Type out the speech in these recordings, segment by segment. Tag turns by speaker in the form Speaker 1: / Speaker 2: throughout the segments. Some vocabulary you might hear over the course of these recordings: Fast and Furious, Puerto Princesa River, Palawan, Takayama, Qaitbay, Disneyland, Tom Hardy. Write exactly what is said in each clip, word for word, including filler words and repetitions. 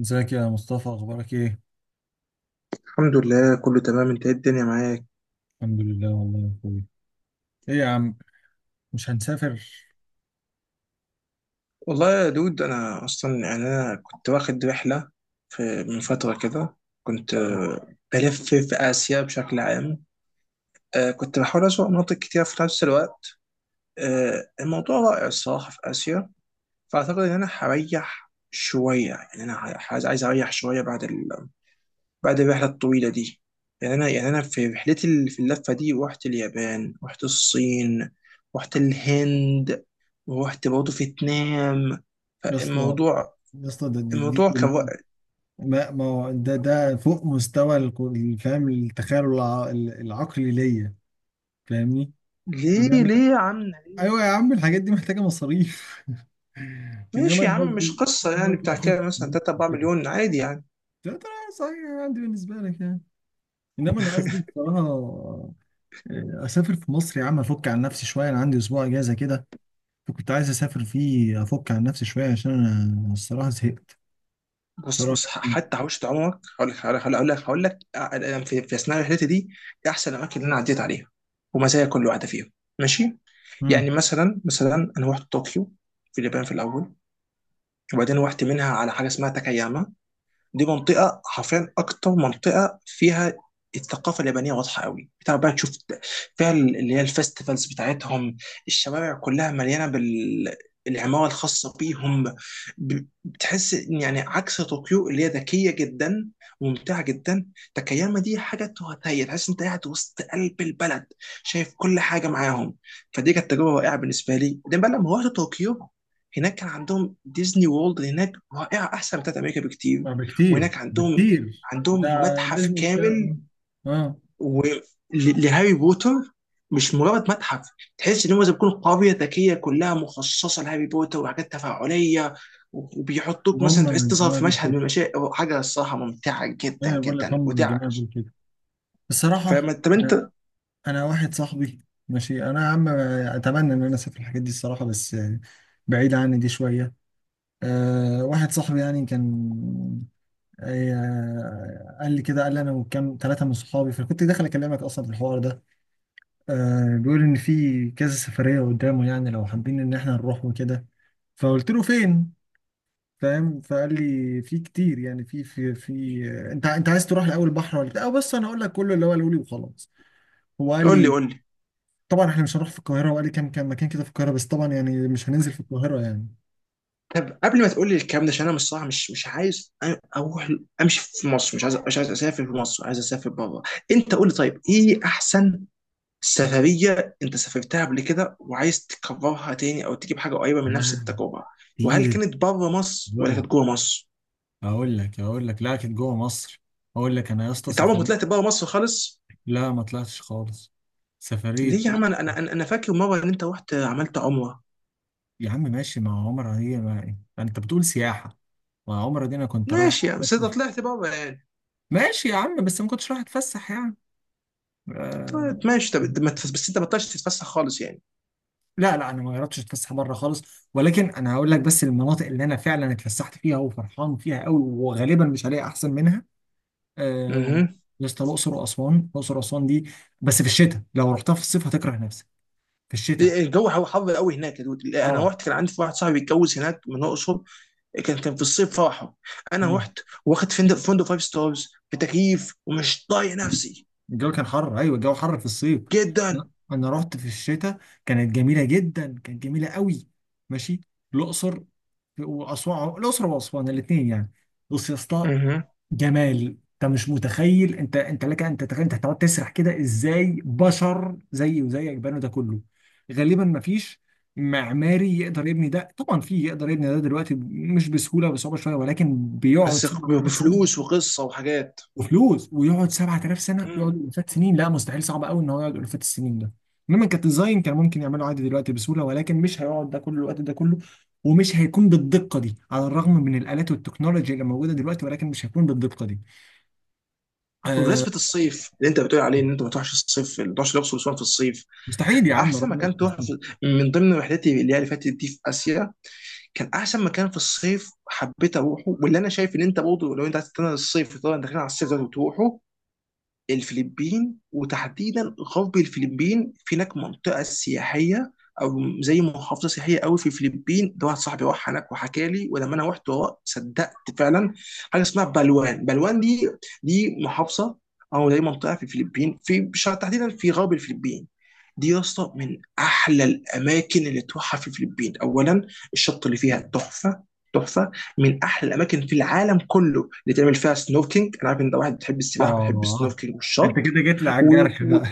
Speaker 1: ازيك يا مصطفى؟ اخبارك ايه؟
Speaker 2: الحمد لله كله تمام. انت ايه الدنيا معاك؟
Speaker 1: الحمد لله والله يا اخوي. ايه يا عم؟ مش هنسافر.
Speaker 2: والله يا دود انا اصلا يعني انا كنت واخد رحله في من فتره كده. كنت آه، بلف في اسيا بشكل عام. آه، كنت بحاول اسوق مناطق كتير في نفس الوقت. آه، الموضوع رائع الصراحه في اسيا. فاعتقد ان انا هريح شويه. يعني انا ه- عايز عايز اريح شويه بعد بعد الرحلة الطويلة دي. يعني أنا يعني أنا في رحلتي ال- في اللفة دي رحت اليابان، رحت الصين، رحت الهند، ورحت برضه فيتنام.
Speaker 1: يا اسطى،
Speaker 2: فالموضوع
Speaker 1: يا اسطى ده دي, دي
Speaker 2: الموضوع كان
Speaker 1: كلها.
Speaker 2: وقت.
Speaker 1: ما ما هو ده ده فوق مستوى الكل- فاهم؟ التخيل الع- العقلي ليا، فاهمني؟
Speaker 2: ليه
Speaker 1: انما
Speaker 2: ليه يا عم؟
Speaker 1: ايوه يا عم، الحاجات دي محتاجه مصاريف. انما
Speaker 2: ماشي يا
Speaker 1: انا
Speaker 2: عم، مش
Speaker 1: قصدي،
Speaker 2: قصة
Speaker 1: انا
Speaker 2: يعني
Speaker 1: قصدي
Speaker 2: بتاع
Speaker 1: مسافر
Speaker 2: كده مثلا ثلاثة اربعة
Speaker 1: كده،
Speaker 2: مليون عادي يعني.
Speaker 1: لا ترى. صحيح عندي بالنسبه لك يعني، انما انا قصدي بصراحه، آه، اسافر في مصر يا عم، افك عن نفسي شويه. انا عندي اسبوع اجازه كده، فكنت عايز اسافر فيه افك عن نفسي شويه، عشان انا الصراحه زهقت
Speaker 2: بص
Speaker 1: بصراحه
Speaker 2: بص ح-
Speaker 1: يعني.
Speaker 2: حتى حوشت عمرك، هقول لك هقول لك هقول لك هقول لك أنا في في أثناء رحلتي دي إيه أحسن الأماكن اللي أنا عديت عليها ومزايا كل واحدة فيهم. ماشي. يعني
Speaker 1: امم.
Speaker 2: مثلا مثلا انا رحت طوكيو في اليابان في الاول، وبعدين رحت منها على حاجه اسمها تاكاياما. دي منطقه حرفيا اكتر منطقه فيها الثقافه اليابانيه واضحه قوي. بتعرف بقى تشوف فيها ال- اللي هي الفستيفالز بتاعتهم، الشوارع كلها مليانه بال العمارة الخاصة بيهم. ب- بتحس إن يعني عكس طوكيو اللي هي ذكية جدا وممتعة جدا، تاكاياما دي حاجة تهتهي. تحس انت قاعد وسط قلب البلد، شايف كل حاجة معاهم. فدي كانت تجربة رائعة بالنسبة لي. ده بقى لما رحت طوكيو، هناك كان عندهم ديزني وورلد هناك رائعة، أحسن من بتاعت أمريكا بكتير.
Speaker 1: لا،
Speaker 2: وهناك
Speaker 1: بكتير،
Speaker 2: عندهم
Speaker 1: بكتير ده.
Speaker 2: عندهم متحف
Speaker 1: ديزني بتاع؟
Speaker 2: كامل
Speaker 1: اه.
Speaker 2: و... ل- لهاري بوتر. مش مجرد متحف، تحس ان هم زي ما بيكون قريه ذكيه كلها مخصصه لهاري بوتر، وحاجات تفاعليه و- وبيحطوك
Speaker 1: هم
Speaker 2: مثلا تحس تظهر
Speaker 1: الجماعة
Speaker 2: في
Speaker 1: دول
Speaker 2: مشهد
Speaker 1: كده،
Speaker 2: من المشاهد. حاجه الصراحه ممتعه جدا
Speaker 1: ايه بقول لك،
Speaker 2: جدا.
Speaker 1: هم
Speaker 2: ودي
Speaker 1: الجماعة دول كده الصراحه.
Speaker 2: فما طب
Speaker 1: انا،
Speaker 2: انت؟
Speaker 1: أنا واحد صاحبي ماشي، انا يا عم اتمنى ان انا اسافر الحاجات دي الصراحه، بس بعيد عني دي شويه. أه، واحد صاحبي يعني كان، آه، قال لي كده، قال لي انا وكام ثلاثه من صحابي، فكنت داخل اكلمك اصلا في الحوار ده. آه، بيقول ان في كذا سفريه قدامه يعني، لو حابين ان احنا نروح وكده. فقلت له فين؟ فاهم؟ فقال لي في كتير يعني، في في في آه، انت انت عايز تروح الاول بحر ولا بتاع؟ آه، بص انا هقول لك كله اللي هو قاله لي وخلاص. هو قال
Speaker 2: قول لي
Speaker 1: لي
Speaker 2: قول لي
Speaker 1: طبعا احنا مش هنروح في القاهره، وقال لي كام كام مكان كده في القاهره، بس طبعا يعني مش هننزل في القاهره يعني.
Speaker 2: طب قبل ما تقول لي الكلام ده، عشان انا مش صح، مش مش عايز أ- اروح امشي في مصر. مش عايز، مش عايز اسافر في مصر، عايز اسافر بره. انت قول لي طيب ايه احسن سفرية أنت سافرتها قبل كده وعايز تكررها تاني، أو تجيب حاجة قريبة من نفس
Speaker 1: لا
Speaker 2: التجربة؟ وهل
Speaker 1: كتير.
Speaker 2: كانت بره مصر ولا
Speaker 1: قول.
Speaker 2: كانت جوه مصر؟
Speaker 1: اقول لك، اقول لك، لا كانت جوه مصر. اقول لك انا يا اسطى
Speaker 2: أنت عمرك ما
Speaker 1: سفريه.
Speaker 2: طلعت بره مصر خالص؟
Speaker 1: لا ما طلعتش خالص. سفريه.
Speaker 2: ليه يا عم؟ أنا أنا أنا أنا فاكر مرة إن أنت رحت عملت عمرة.
Speaker 1: يا عم ماشي، ما هو عمرة هي، ما انت بتقول سياحة. ما عمرة دي انا كنت رايح
Speaker 2: ماشي يعني بس أنت
Speaker 1: أتفسح.
Speaker 2: طلعت بره يعني.
Speaker 1: ماشي يا عم، بس ما كنتش رايح اتفسح يعني.
Speaker 2: طلعت
Speaker 1: آه...
Speaker 2: ماشي. طب ما تف- بس أنت ما طلعتش تتفسح خالص يعني.
Speaker 1: لا لا، انا ما جربتش اتفسح بره خالص، ولكن انا هقول لك بس المناطق اللي انا فعلا اتفسحت فيها وفرحان فيها قوي، وغالبا مش هلاقي احسن منها. آه...
Speaker 2: اها.
Speaker 1: يا اسطى الاقصر واسوان، الاقصر واسوان دي بس في الشتاء، لو رحتها في الصيف هتكره نفسك. في
Speaker 2: إيه،
Speaker 1: الشتاء.
Speaker 2: إيه، الجو هو حر قوي هناك يا دود. انا
Speaker 1: اه.
Speaker 2: رحت كان عندي واحد صاحبي اتجوز هناك من الاقصر، كان كان في الصيف فرحه. انا
Speaker 1: مم.
Speaker 2: رحت واخد فندق فندق فايف ستارز بتكييف ومش طايق نفسي
Speaker 1: الجو كان حر، ايوه الجو حر في الصيف.
Speaker 2: جدا.
Speaker 1: لا، انا رحت في الشتاء، كانت جميله جدا، كانت جميله قوي. ماشي. الاقصر واسوان، الاقصر واسوان الاثنين يعني. بص يا اسطى،
Speaker 2: مهم.
Speaker 1: جمال. انت مش متخيل، انت انت لك انت تخيل، انت هتقعد تسرح كده ازاي؟ بشر زيي وزيك بنوا ده كله؟ غالبا ما فيش معماري يقدر يبني ده، طبعا في يقدر يبني ده دلوقتي، مش بسهوله، بصعوبه شويه، ولكن بيقعد
Speaker 2: بس
Speaker 1: سنة
Speaker 2: بفلوس وقصه وحاجات.
Speaker 1: وفلوس، ويقعد سبعة آلاف سنه، يقعد
Speaker 2: مم.
Speaker 1: الافات سنين؟ لا مستحيل، صعب قوي ان هو يقعد الافات السنين ده. انما كديزاين كان ممكن يعمله عادي دلوقتي بسهوله، ولكن مش هيقعد ده كل الوقت ده كله، ومش هيكون بالدقه دي. على الرغم من الالات والتكنولوجيا اللي موجوده دلوقتي، ولكن مش هيكون بالدقه دي. آه.
Speaker 2: بمناسبة الصيف اللي انت بتقول عليه ان انت ما تروحش الصيف، ما تروحش الاقصر واسوان في الصيف،
Speaker 1: مستحيل يا عم،
Speaker 2: احسن
Speaker 1: ربنا يستر
Speaker 2: مكان تروح
Speaker 1: مصروف.
Speaker 2: في من ضمن رحلتي اللي هي اللي فاتت دي في اسيا، كان احسن مكان في الصيف حبيت اروحه، واللي انا شايف ان انت برضه لو انت عايز تستنى الصيف، طبعا داخلين على الصيف لازم تروحه: الفلبين. وتحديدا غرب الفلبين، في هناك منطقه سياحيه او زي محافظه سياحيه قوي في الفلبين. ده واحد صاحبي راح هناك وحكى لي، ولما انا رحت ورا- صدقت فعلا. حاجه اسمها بلوان. بلوان دي دي محافظه او زي منطقه في الفلبين، في بش- تحديدا في غرب الفلبين. دي يا اسطى من احلى الاماكن اللي تروحها في الفلبين. اولا الشط اللي فيها تحفه، تحفه. من احلى الاماكن في العالم كله اللي تعمل فيها سنوركينج. انا عارف ان ده واحد بتحب السباحه وبتحب
Speaker 1: اه.
Speaker 2: السنوركينج
Speaker 1: انت
Speaker 2: والشط.
Speaker 1: كده جيت لي على
Speaker 2: و...
Speaker 1: الجرح
Speaker 2: و...
Speaker 1: بقى.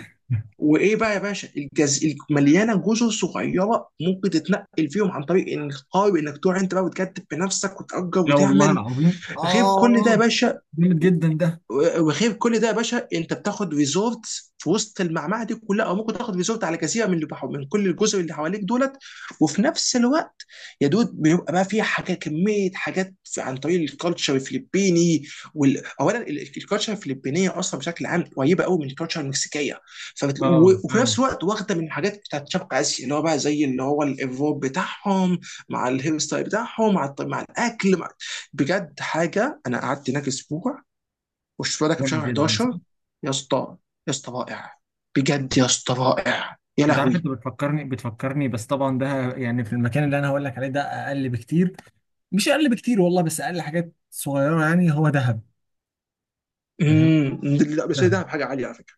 Speaker 2: وايه بقى يا باشا؟ الجز... مليانه جزر صغيره ممكن تتنقل فيهم عن طريق انك قارب، انك تروح انت بقى وتكتب بنفسك وتأجر
Speaker 1: لا والله
Speaker 2: وتعمل.
Speaker 1: العظيم،
Speaker 2: غير كل ده يا
Speaker 1: اه
Speaker 2: باشا
Speaker 1: جامد جدا ده.
Speaker 2: و- وغير كل ده يا باشا، انت بتاخد ريزورت في وسط المعمعه دي كلها، او ممكن تاخد ريزورت على جزيره من اللي بحو... من كل الجزر اللي حواليك دولت. وفي نفس الوقت يا دود، بيبقى بقى فيها حاجات، كميه حاجات في- عن طريق الكالتشر الفلبيني. وال... اولا ال- الكالتشر الفلبينيه اصلا بشكل عام قريبه قوي من الكالتشر المكسيكيه. فبت... و...
Speaker 1: اه
Speaker 2: وفي نفس
Speaker 1: فعلا،
Speaker 2: الوقت واخده من الحاجات بتاعت شرق اسيا، اللي هو بقى زي اللي هو الروب بتاعهم مع الهيرستايل بتاعهم، مع الط- مع الاكل مع... بجد حاجه انا قعدت هناك اسبوع. والشفاء ده كان في
Speaker 1: جامد
Speaker 2: شهر
Speaker 1: جدا
Speaker 2: حداشر
Speaker 1: صح.
Speaker 2: يا اسطى. يا اسطى رائع. بجد يا اسطى رائع يا
Speaker 1: انت عارف انت
Speaker 2: لهوي.
Speaker 1: بتفكرني، بتفكرني، بس طبعا ده يعني في المكان اللي انا هقول لك عليه ده اقل بكتير، مش اقل بكتير والله، بس اقل حاجات صغيره يعني. هو دهب. فاهم.
Speaker 2: امم، لا بس
Speaker 1: دهب.
Speaker 2: ده بحاجه عاليه على فكره.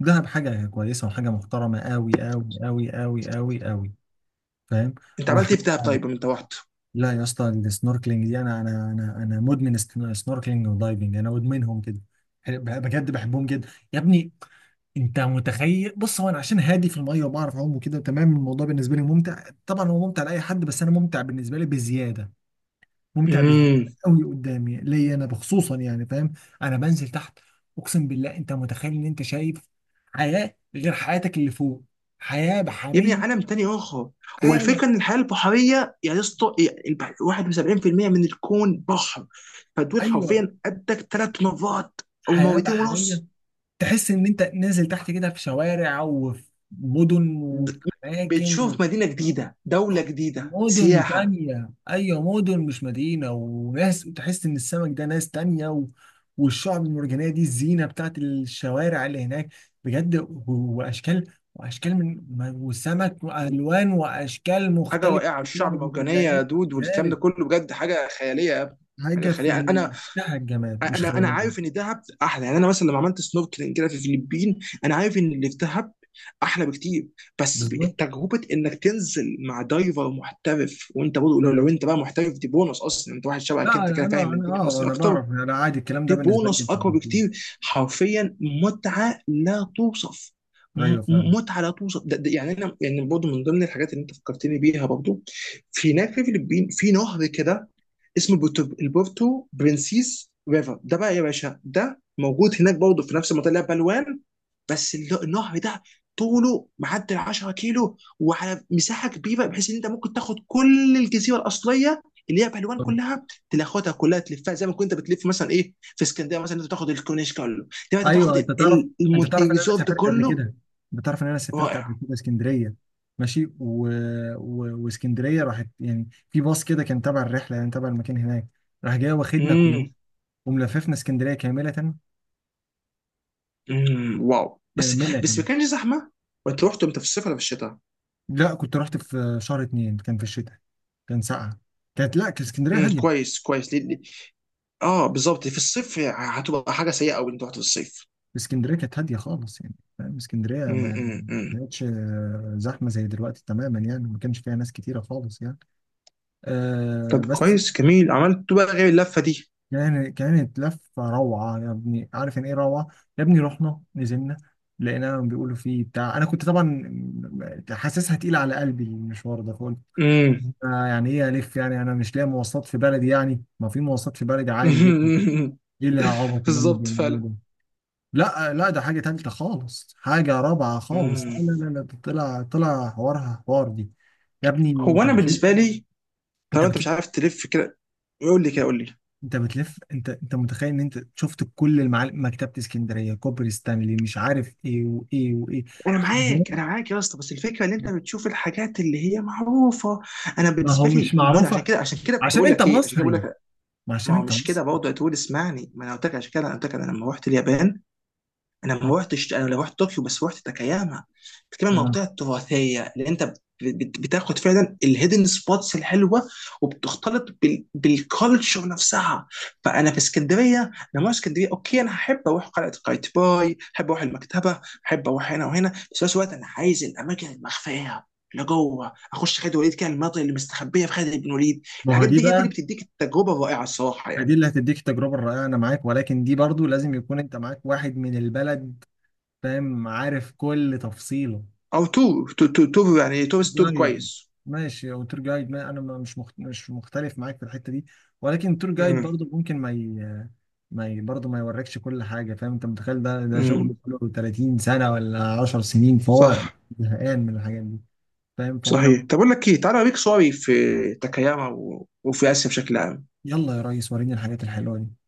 Speaker 1: دهب حاجه كويسه وحاجه محترمه قوي قوي قوي قوي قوي قوي. فاهم.
Speaker 2: انت عملت ايه
Speaker 1: وحاجه.
Speaker 2: في دهب طيب لما انت رحت؟
Speaker 1: لا يا اسطى، السنوركلينج دي انا انا انا انا مدمن. سنوركلينج ودايفنج انا مدمنهم كده، بجد بحبهم جدا يا ابني. انت متخيل؟ بص هو انا عشان هادي في الميه وبعرف اعوم وكده، تمام الموضوع بالنسبه لي ممتع، طبعا هو ممتع لاي حد، بس انا ممتع بالنسبه لي بزياده، ممتع بزياده
Speaker 2: امم.
Speaker 1: قوي قدامي ليا انا بخصوصا يعني، فاهم؟ انا بنزل تحت، اقسم بالله، انت متخيل ان انت شايف حياه غير حياتك اللي فوق؟ حياه
Speaker 2: يبني
Speaker 1: بحريه.
Speaker 2: عالم تاني اخر.
Speaker 1: عالم.
Speaker 2: والفكره ان الحياه البحريه يا اسطى، يا- البح- واحد وسبعين في المية من الكون بحر. فدول
Speaker 1: ايوه،
Speaker 2: حرفيا قدك ثلاث مرات او
Speaker 1: حياه
Speaker 2: مرتين
Speaker 1: بحريه،
Speaker 2: ونص
Speaker 1: تحس ان انت نازل تحت كده في شوارع وفي مدن
Speaker 2: د-
Speaker 1: وفي
Speaker 2: بتشوف
Speaker 1: اماكن.
Speaker 2: مدينه جديده، دوله جديده،
Speaker 1: مدن
Speaker 2: سياحه.
Speaker 1: تانية، أيوة مدن، مش مدينة، وناس، تحس إن السمك ده ناس تانية، و... والشعب المرجانية دي الزينة بتاعت الشوارع اللي هناك، بجد. و- وأشكال وأشكال من ما- وسمك وألوان وأشكال
Speaker 2: حاجه
Speaker 1: مختلفة
Speaker 2: رائعه
Speaker 1: في
Speaker 2: الشعب
Speaker 1: الشعب
Speaker 2: مرجانيه
Speaker 1: المرجانية.
Speaker 2: يا دود، والكلام ده
Speaker 1: ذلك
Speaker 2: كله بجد حاجه خياليه يا ابني. حاجه
Speaker 1: حاجة
Speaker 2: خياليه
Speaker 1: في
Speaker 2: يعني انا
Speaker 1: منتهى الجمال، مش
Speaker 2: انا انا عارف
Speaker 1: خيالية.
Speaker 2: ان دهب احلى. يعني انا مثلا لما عملت سنوركلينج كده في الفلبين، انا عارف ان اللي في دهب احلى بكتير. بس
Speaker 1: بالظبط.
Speaker 2: ب- تجربه انك تنزل مع دايفر محترف وانت برضه لو, لو انت بقى محترف، دي بونص. اصلا انت واحد شبهك
Speaker 1: لا،
Speaker 2: انت
Speaker 1: أنا
Speaker 2: كده فاهم
Speaker 1: أنا أنا
Speaker 2: الدنيا
Speaker 1: أه
Speaker 2: اصلا
Speaker 1: أنا
Speaker 2: اكتر،
Speaker 1: بعرف، أنا عادي الكلام ده
Speaker 2: دي
Speaker 1: بالنسبة لي
Speaker 2: بونص
Speaker 1: في
Speaker 2: اقوى
Speaker 1: الجحيم.
Speaker 2: بكتير حرفيا. متعه لا توصف. م-
Speaker 1: أيوة فعلا.
Speaker 2: م- متعه لا توصف. ده ده يعني انا يعني برضه من ضمن الحاجات اللي انت فكرتني بيها برضه في هناك في الفلبين، في نهر كده اسمه بورتو البورتو برنسيس ريفر. ده بقى يا باشا ده موجود هناك برضه في نفس المنطقه اللي هي بلوان. بس الل- النهر ده طوله معدي ال عشرة كيلو، وعلى مساحه كبيره بحيث ان انت ممكن تاخد كل الجزيره الاصليه اللي هي بهلوان كلها، تاخدها كلها تلفها زي ما كنت بتلف مثلا ايه في اسكندريه. مثلا انت بتاخد الكورنيش كله، دلوقتي انت بتاخد
Speaker 1: ايوه، انت
Speaker 2: ال-
Speaker 1: تعرف،
Speaker 2: ال-
Speaker 1: انت
Speaker 2: المن-
Speaker 1: تعرف ان انا
Speaker 2: الريزورت
Speaker 1: سافرت قبل
Speaker 2: كله.
Speaker 1: كده، انت تعرف ان انا سافرت
Speaker 2: رائع.
Speaker 1: قبل كده اسكندريه. ماشي، و... و... واسكندريه راحت يعني في باص كده كان تبع الرحله، يعني تبع المكان هناك، راح جاي واخدنا كل
Speaker 2: امم.
Speaker 1: وملففنا اسكندريه كامله.
Speaker 2: امم واو. بس بس ما
Speaker 1: كامله.
Speaker 2: كانش زحمه. وانت رحت امتى، في الصيف ولا في الشتاء؟
Speaker 1: لا كنت رحت في شهر اتنين، كان في الشتاء، كان ساقعه، كانت، لا كانت اسكندريه
Speaker 2: امم،
Speaker 1: هاديه.
Speaker 2: كويس كويس. ليه ليه- اه بالظبط، في الصيف هتبقى حاجه سيئه قوي انت رحت في الصيف.
Speaker 1: اسكندريه كانت هاديه خالص يعني، فاهم؟ اسكندريه
Speaker 2: امم.
Speaker 1: ما،
Speaker 2: امم.
Speaker 1: ما كانتش آه، زحمه زي دلوقتي تماما يعني، ما كانش فيها ناس كتيره خالص يعني. آه
Speaker 2: طب
Speaker 1: بس.
Speaker 2: كويس جميل، عملت بقى غير اللفه دي؟
Speaker 1: يعني كانت لفة روعة يا ابني، عارف يعني ايه روعة؟ يا ابني رحنا نزلنا لقينا بيقولوا فيه بتاع، انا كنت طبعا حاسسها تقيلة على قلبي المشوار ده، فقلت
Speaker 2: امم.
Speaker 1: آه يعني ايه الف يعني؟ انا مش لاقي مواصلات في بلدي يعني، ما في مواصلات في بلدي عادي جدا، ايه اللي عبط اللي هم
Speaker 2: بالظبط فعلا.
Speaker 1: بيعملوه ده؟ لا لا، ده حاجة تالتة خالص، حاجة رابعة خالص،
Speaker 2: مم.
Speaker 1: لا لا لا لا، ده طلع، طلع حوارها حوار دي. يا ابني
Speaker 2: هو
Speaker 1: انت
Speaker 2: انا
Speaker 1: بتلف
Speaker 2: بالنسبه لي
Speaker 1: انت
Speaker 2: طالما انت مش
Speaker 1: بتلف
Speaker 2: عارف تلف كده، يقول لي كده، قول لي.
Speaker 1: انت بتلف انت، انت متخيل ان انت شفت كل المعالم؟ مكتبة اسكندرية، كوبري ستانلي، مش عارف ايه وايه وايه،
Speaker 2: انا
Speaker 1: حاجات.
Speaker 2: معاك، انا معاك يا اسطى، بس الفكره ان انت بتشوف الحاجات اللي هي معروفه. انا
Speaker 1: ما هو
Speaker 2: بالنسبه
Speaker 1: مش
Speaker 2: لي مود. عشان
Speaker 1: معروفة
Speaker 2: كده، عشان كده كنت
Speaker 1: عشان
Speaker 2: بقول
Speaker 1: انت
Speaker 2: لك ايه، عشان كده بقول
Speaker 1: مصري،
Speaker 2: لك:
Speaker 1: ما
Speaker 2: ما
Speaker 1: عشان
Speaker 2: هو
Speaker 1: انت
Speaker 2: مش كده
Speaker 1: مصري.
Speaker 2: برضه. تقول اسمعني، ما انا قلت لك، عشان كده انا قلت لك انا لما رحت اليابان، انا ما
Speaker 1: م.
Speaker 2: روحتش، انا لو رحت طوكيو بس، روحت تاكاياما. بتكلم عن
Speaker 1: اه.
Speaker 2: المنطقه التراثيه اللي انت بت- بت- بتاخد فعلا الهيدن سبوتس الحلوه، وبتختلط بال... بالكالتشر نفسها. فانا في اسكندريه، انا ما أروح اسكندريه. اوكي، انا هحب اروح قلعه قايتباي، احب اروح المكتبه، احب اروح هنا وهنا، بس في نفس الوقت انا عايز الاماكن المخفيه اللي جوه اخش خالد وليد كده، المناطق اللي مستخبيه في خالد بن وليد.
Speaker 1: ما هو
Speaker 2: الحاجات
Speaker 1: دي
Speaker 2: دي هي دي اللي
Speaker 1: بقى،
Speaker 2: بتديك التجربه الرائعه الصراحه
Speaker 1: ما دي
Speaker 2: يعني.
Speaker 1: اللي هتديك التجربة الرائعة، انا معاك، ولكن دي برضو لازم يكون انت معاك واحد من البلد، فاهم؟ عارف كل تفصيله.
Speaker 2: او تو تو تو, تو يعني تورست تو كويس.
Speaker 1: جايد. ماشي او تور جايد، ما انا ما- مش مخت... مش مختلف معاك في الحته دي، ولكن تور جايد برضه ممكن ما ي... ما ي... برضه ما يوريكش كل حاجه، فاهم؟ انت متخيل ده ده
Speaker 2: امم.
Speaker 1: شغله كله تلاتين سنه ولا عشر سنين، فهو
Speaker 2: صح.
Speaker 1: زهقان من الحاجات دي، فاهم؟ فهو انا.
Speaker 2: صحيح. طب اقول لك ايه، تعالى اوريك صوري في تاكاياما و- وفي اسيا بشكل عام.
Speaker 1: يلا يا ريس، وريني الحاجات الحلوه دي.